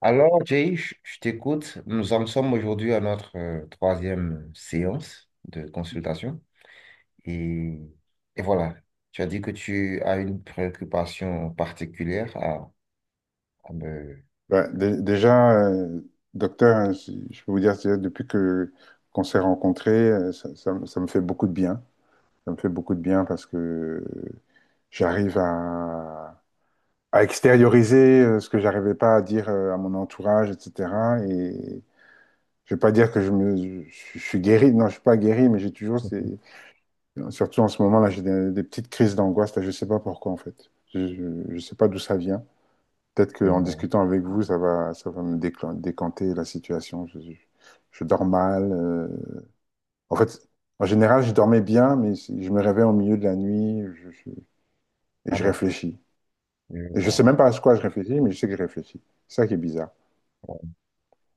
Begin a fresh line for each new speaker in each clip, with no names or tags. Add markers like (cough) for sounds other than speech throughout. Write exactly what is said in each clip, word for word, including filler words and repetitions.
Alors, Jay, je je t'écoute. Nous en sommes aujourd'hui à notre euh, troisième séance de consultation. Et, et voilà, tu as dit que tu as une préoccupation particulière à, à me...
Bah, dé- déjà, euh, docteur, hein, si- je peux vous dire, c'est- depuis que qu'on s'est rencontrés, euh, ça, ça me ça me fait beaucoup de bien. Ça me fait beaucoup de bien parce que euh, j'arrive à, à extérioriser euh, ce que j'arrivais pas à dire euh, à mon entourage, et cetera. Et je vais pas dire que je me, je, je suis guéri. Non, je suis pas guéri, mais j'ai toujours
Mhm.
ces, surtout en ce moment-là, j'ai des, des petites crises d'angoisse là. Je sais pas pourquoi en fait. Je, je, je sais pas d'où ça vient. Peut-être
Je
qu'en
vois.
discutant avec vous, ça va, ça va me déclen- décanter la situation. Je, je- je dors mal. euh. En fait, en général, je dormais bien, mais si- je me réveille au milieu de la nuit je- je- et
Ah
je
bon,
réfléchis.
je
Et je sais
vois.
même pas à quoi je réfléchis, mais je sais que je réfléchis. C'est ça qui est bizarre.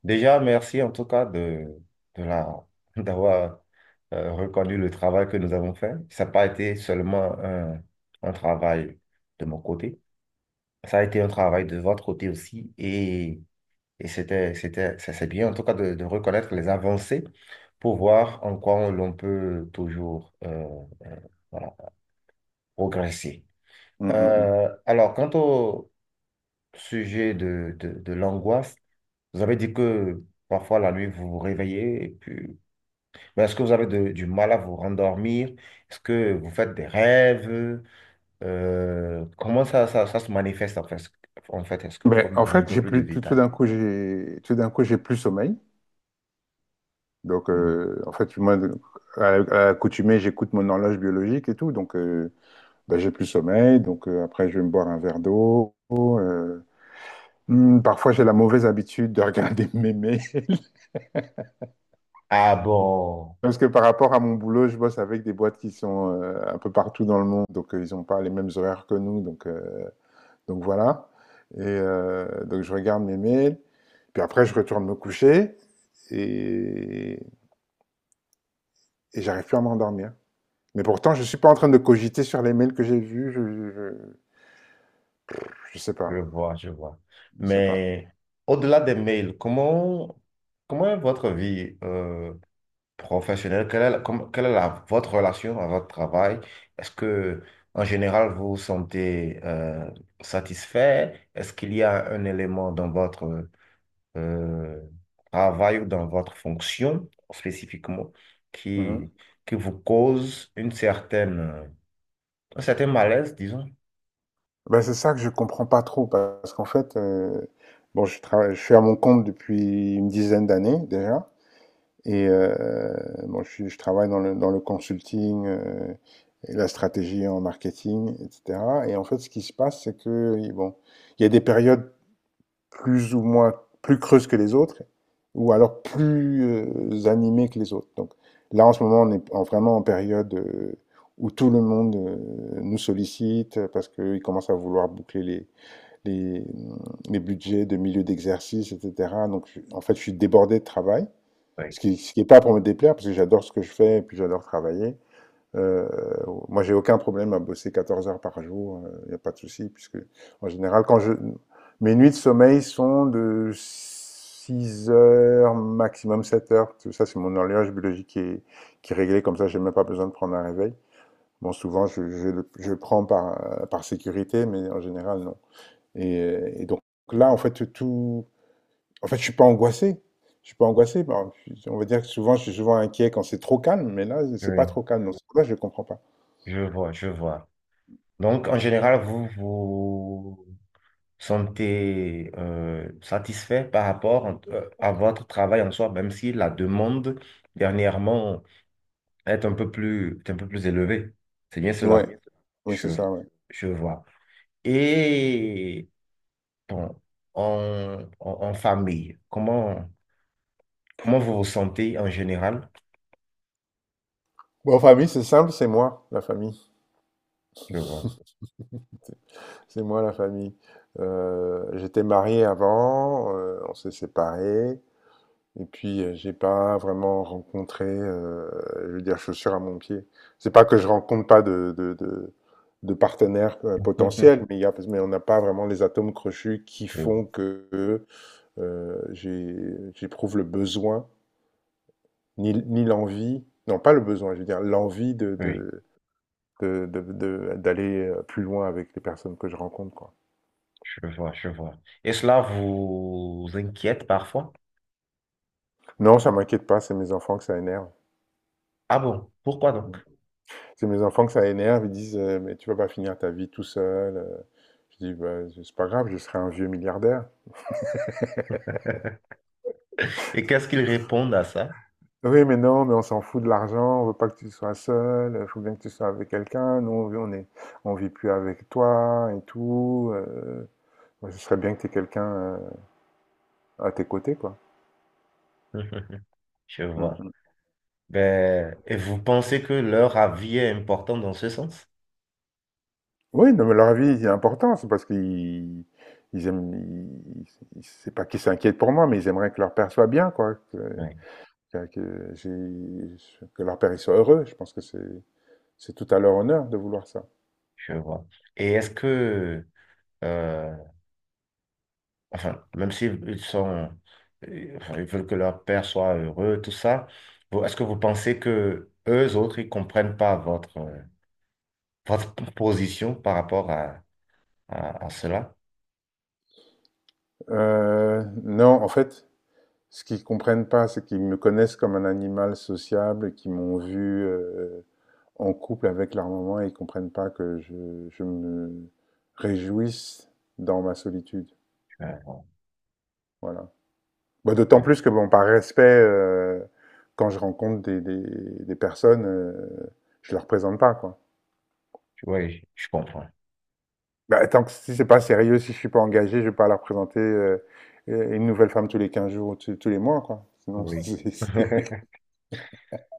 Déjà, merci en tout cas de, de la, (laughs) d'avoir euh, reconnu le travail que nous avons fait. Ça n'a pas été seulement un, un travail de mon côté, ça a été un travail de votre côté aussi. Et Et c'était, c'était, ça c'est bien, en tout cas, de, de reconnaître les avancées pour voir en quoi on- l'on peut toujours euh, euh, voilà, progresser.
Mm, mm, mm.
Euh, alors, quant au sujet de, de, de l'angoisse, vous avez dit que parfois la nuit, vous vous réveillez, et puis... mais est-ce que vous avez de- du mal à vous rendormir? Est-ce que vous faites des rêves? Euh, comment ça, ça, ça se manifeste en fait? En fait, est-ce que vous
Ben,
pouvez me
en
donner un
fait,
peu
j'ai
plus de
plus, tout, tout
détails?
d'un coup, j'ai, tout d'un coup, j'ai plus sommeil. Donc,
Hmm.
euh, en fait, moi, à, à l'accoutumée, j'écoute mon horloge biologique et tout. Donc, euh, ben, j'ai plus sommeil, donc euh, après je vais me boire un verre d'eau. euh, hmm, parfois j'ai la mauvaise habitude de regarder (laughs) mes mails,
Ah bon.
parce que par rapport à mon boulot, je bosse avec des boîtes qui sont euh, un peu partout dans le monde, donc euh, ils n'ont pas les mêmes horaires que nous, donc, euh, donc voilà. Et euh, donc je regarde mes mails, puis après je retourne me coucher et, et j'arrive plus à m'endormir. Mais pourtant, je suis pas en train de cogiter sur les mails que j'ai vus, je, je, je- je sais
Je
pas,
vois, je vois.
je sais pas.
Mais au-delà des mails, comment, comment est votre vie euh, professionnelle? Quelle est, la- comme- quelle est la- votre relation à votre travail? Est-ce que, en général, vous vous sentez euh, satisfait? Est-ce qu'il y a un élément dans votre euh, travail ou dans votre fonction spécifiquement
Mmh.
qui, qui vous cause une certaine, euh, un certain malaise, disons?
Bah, c'est ça que je comprends pas trop parce qu'en fait, euh, bon, je travaille, je suis à mon compte depuis une dizaine d'années déjà et euh, bon, je, suis- je travaille dans le, dans le consulting, euh, et la stratégie en marketing, et cetera. Et en fait, ce qui se passe, c'est que bon, il y a des périodes plus ou moins plus creuses que les autres ou alors plus euh, animées que les autres. Donc là, en ce moment, on est en- vraiment en période euh, où tout le monde euh, nous sollicite parce qu'il commence à vouloir boucler les les, les budgets de milieu d'exercice, et cetera. Donc, je- en fait, je suis débordé de travail,
Oui.
ce qui, ce qui est pas pour me déplaire, parce que j'adore ce que je fais et puis j'adore travailler. Euh, Moi, j'ai aucun problème à bosser quatorze heures par jour, il n'y a pas de souci, puisque en général, quand je... mes nuits de sommeil sont de six heures, maximum sept heures. Tout ça, c'est mon horloge biologique qui est, qui est réglée, comme ça, j'ai même pas besoin de prendre un réveil. Bon, souvent, je, je, le- je le prends par, euh, par sécurité, mais en général, non. Et, euh, et donc là, en fait, tout. En fait, je suis pas angoissé. Je suis pas angoissé. Bon, je on va dire que souvent, je suis souvent inquiet quand c'est trop calme, mais là, c'est pas
Oui,
trop calme. Donc, c'est pour ça que je comprends pas.
je vois, je vois. Donc, en général, vous vous sentez euh, satisfait par rapport euh, à votre travail en soi, même si la demande dernièrement est un peu plus, est un peu plus élevée. C'est bien cela,
Ouais. Oui,
je,
c'est ça, ouais.
je vois. Et bon, en, en, en famille, comment, comment vous vous sentez en général?
Bon, en famille, c'est simple, c'est moi, la famille.
Je vois.
C'est moi, la famille. Euh, j'étais marié avant, euh, on s'est séparés. Et puis, euh, j'ai pas vraiment rencontré, heu, je veux dire, chaussure à mon pied. C'est pas que je rencontre pas de de de de partenaires, heu,
(laughs)
potentiels, mais il y a mais on n'a pas vraiment les atomes crochus qui
Oui,
font que, heu, j'ai j'éprouve le besoin, ni ni l'envie non, pas le besoin, je veux dire l'envie de
oui,
de de de de d'aller, heu, plus loin avec les personnes que je rencontre, quoi.
je vois, je vois. Et cela vous inquiète parfois?
Non, ça m'inquiète pas, c'est mes enfants que ça énerve.
Ah bon, pourquoi donc?
C'est mes enfants que ça énerve, ils disent euh, mais tu vas pas finir ta vie tout seul. euh. Je dis bah, c'est pas grave, je serai un vieux milliardaire.
Et qu'est-ce qu'ils répondent à ça?
Oui, mais non, mais on s'en fout de l'argent, on veut pas que tu sois seul, il faut bien que tu sois avec quelqu'un, nous on est, on vit plus avec toi et tout. euh, ouais, ce serait bien que tu aies quelqu'un euh, à tes côtés, quoi.
(laughs) Je
Mm,
vois.
mm.
Ben, et vous pensez que leur avis est important dans ce sens?
Oui, non, mais leur avis est important, c'est parce qu'ils ils aiment, ils- ils- c'est pas qu'ils s'inquiètent pour moi, mais ils aimeraient que leur père soit bien, quoi. que-
Oui,
que, que j'ai- que leur père soit heureux. Je pense que c'est tout à leur honneur de vouloir ça.
je vois. Et est-ce que, euh, enfin, même s'ils sont, euh, enfin, ils veulent que leur père soit heureux, tout ça, vous- est-ce que vous pensez que eux autres, ils comprennent pas votre, euh, votre position par rapport à, à, à cela?
Euh, non, en fait, ce qu'ils ne comprennent pas, c'est qu'ils me connaissent comme un animal sociable, et qu'ils m'ont vu euh, en couple avec leur maman et ils ne comprennent pas que je, je me réjouisse dans ma solitude.
Euh,
Voilà. Bah, d'autant
ouais.
plus que, bon, par respect, euh, quand je rencontre des, des- des personnes, euh, je ne leur présente pas, quoi.
Oui, je comprends.
Bah, tant que si c'est pas sérieux, si je suis pas engagé, je vais pas leur présenter euh, euh, une nouvelle femme tous les quinze jours ou tous tous les mois, quoi. Sinon, (laughs)
Oui.
c'est- c'est-
(laughs)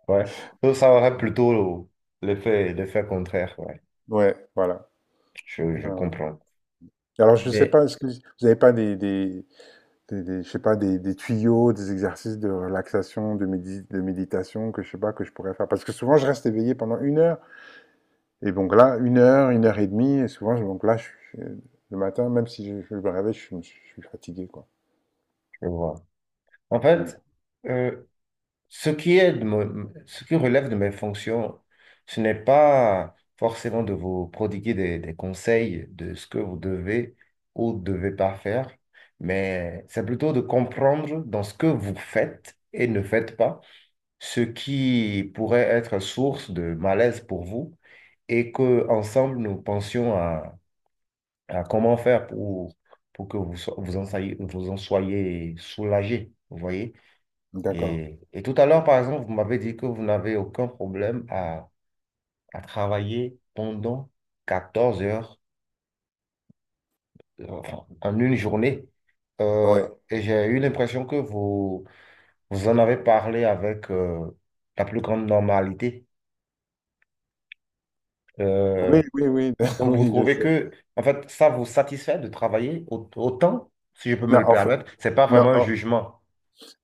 Ouais. Donc, ça aurait plutôt l'effet, l'effet contraire. Ouais.
ouais, voilà.
Je, je
Ouais, ouais.
comprends.
Alors, je sais
Mais
pas, est-ce que vous n'avez pas des, des, des- des- je sais pas, des, des tuyaux, des exercices de relaxation, de, médi- de méditation que je sais pas que je pourrais faire? Parce que souvent, je reste éveillé pendant une heure. Et donc là, une heure, une heure et demie, et souvent, je- donc là, je- je- le matin, même si je, je me réveille, je, suis je suis fatigué, quoi.
je vois. En
Mm.
fait, euh, ce qui est de mon- ce qui relève de mes fonctions, ce n'est pas forcément de vous prodiguer des, des conseils de ce que vous devez ou devez pas faire, mais c'est plutôt de comprendre dans ce que vous faites et ne faites pas, ce qui pourrait être source de malaise pour vous et que ensemble nous pensions. Euh, comment faire pour, pour que vous, so- vous en soyez, vous en soyez soulagé, vous voyez?
D'accord.
Et, et tout à l'heure, par exemple, vous m'avez dit que vous n'avez aucun problème à, à travailler pendant quatorze heures euh, en en une journée. Euh,
Ouais.
et j'ai eu l'impression que vous, vous en avez parlé avec euh, la plus grande normalité.
Oui,
Euh,
oui, oui, (laughs)
donc, vous
oui, je
trouvez
sais.
que, en fait, ça vous satisfait de travailler au- autant, si je peux me
Non,
le
en fait,
permettre. C'est pas
non,
vraiment un
en-
jugement.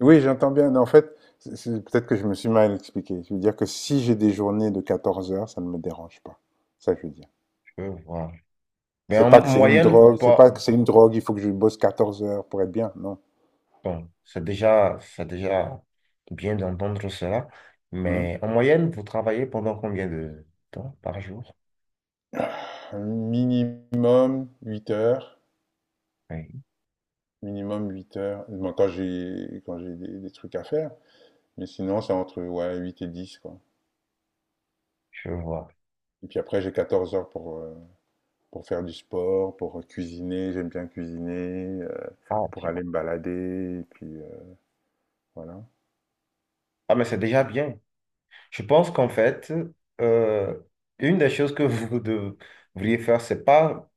oui, j'entends bien. Mais en fait, c'est- c'est- peut-être que je me suis mal expliqué. Je veux dire que si j'ai des journées de quatorze heures, ça ne me dérange pas. Ça, je veux dire.
Je- voilà. Mais
C'est
en
pas que c'est une
moyenne, vous
drogue, c'est
pas...
pas que c'est une drogue, il faut que je bosse quatorze heures pour être bien, non.
Bon, c'est déjà, c'est déjà bien d'entendre cela, mais
Mhm.
en moyenne, vous travaillez pendant combien de temps par jour?
Un minimum huit heures,
Oui,
minimum huit heures. Bon, quand j'ai quand j'ai des, des trucs à faire, mais sinon c'est entre ouais, huit et dix quoi.
je vois.
Et puis après j'ai quatorze heures pour euh, pour faire du sport, pour cuisiner, j'aime bien cuisiner,
Ah,
pour
ok.
aller me balader et puis, heu, voilà.
Ah, mais c'est déjà bien. Je pense qu'en fait, euh, une des choses que vous (laughs) devriez faire, c'est pas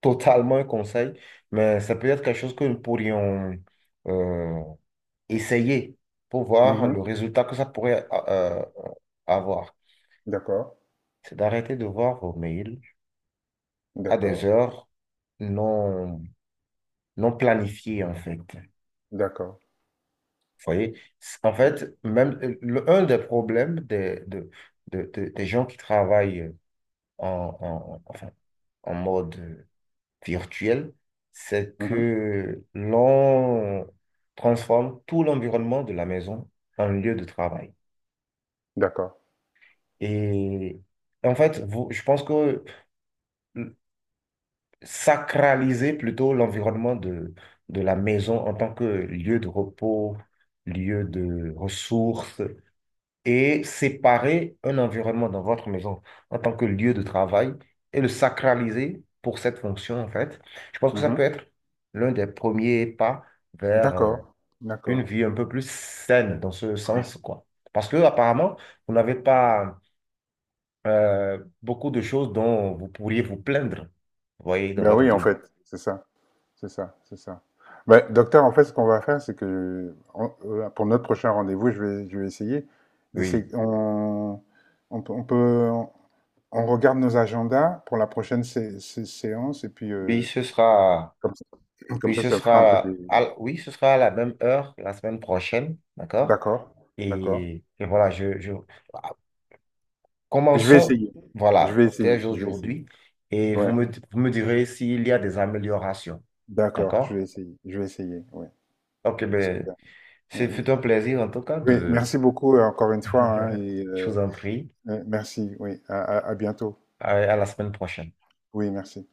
totalement un conseil, mais c'est peut-être quelque chose que nous pourrions euh, essayer pour voir
Mmh.
le résultat que ça pourrait euh, avoir.
D'accord,
C'est d'arrêter de voir vos mails à des
d'accord,
heures non, non planifiées, en fait. Vous
d'accord.
voyez? C'est- en fait, même euh, le- un des problèmes des, de- de- de- des gens qui travaillent en, en- enfin, en mode virtuel, c'est
Mmh.
que l'on transforme tout l'environnement de la maison en lieu de travail.
D'accord.
Et en fait, vous- je pense que sacraliser plutôt l'environnement de, de la maison en tant que lieu de repos, lieu de ressources, et séparer un environnement dans votre maison en tant que lieu de travail et le sacraliser pour cette fonction, en fait. Je pense que ça peut
Mmh.
être l'un des premiers pas vers euh,
D'accord,
une
d'accord.
vie un peu plus saine dans ce sens, quoi. Parce que apparemment, vous n'avez pas euh, beaucoup de choses dont vous pourriez vous plaindre, vous voyez, dans
Ben
votre
oui, en
vie.
fait, c'est ça, c'est ça, c'est ça. Ben docteur, en fait, ce qu'on va faire, c'est que on heu, pour notre prochain rendez-vous, je vais je vais essayer d'essayer
Oui.
on on peut on peut on regarde nos agendas pour la prochaine sé sé séance et puis,
Oui,
heu,
ce sera,
comme ça comme
oui,
ça,
ce
ça fera un peu des
sera, à, l- oui, ce sera à la même heure la semaine prochaine, d'accord?
d'accord, d'accord.
Et, et voilà, je, je, ah,
Je vais
commençons,
essayer. Je vais
voilà,
essayer.
dès
Je vais essayer.
aujourd'hui, et vous
Ouais.
me, vous me direz s'il y a des améliorations,
D'accord. Je
d'accord?
vais essayer. Je vais essayer. Ouais.
Ok, ben,
Super.
c'est
Euh,
fut un plaisir en tout cas
oui.
de,
Merci beaucoup euh, encore une fois, hein, et
(laughs) je vous
euh,
en prie,
euh, merci. Oui. À à- à bientôt.
à à la semaine prochaine.
Oui. Merci.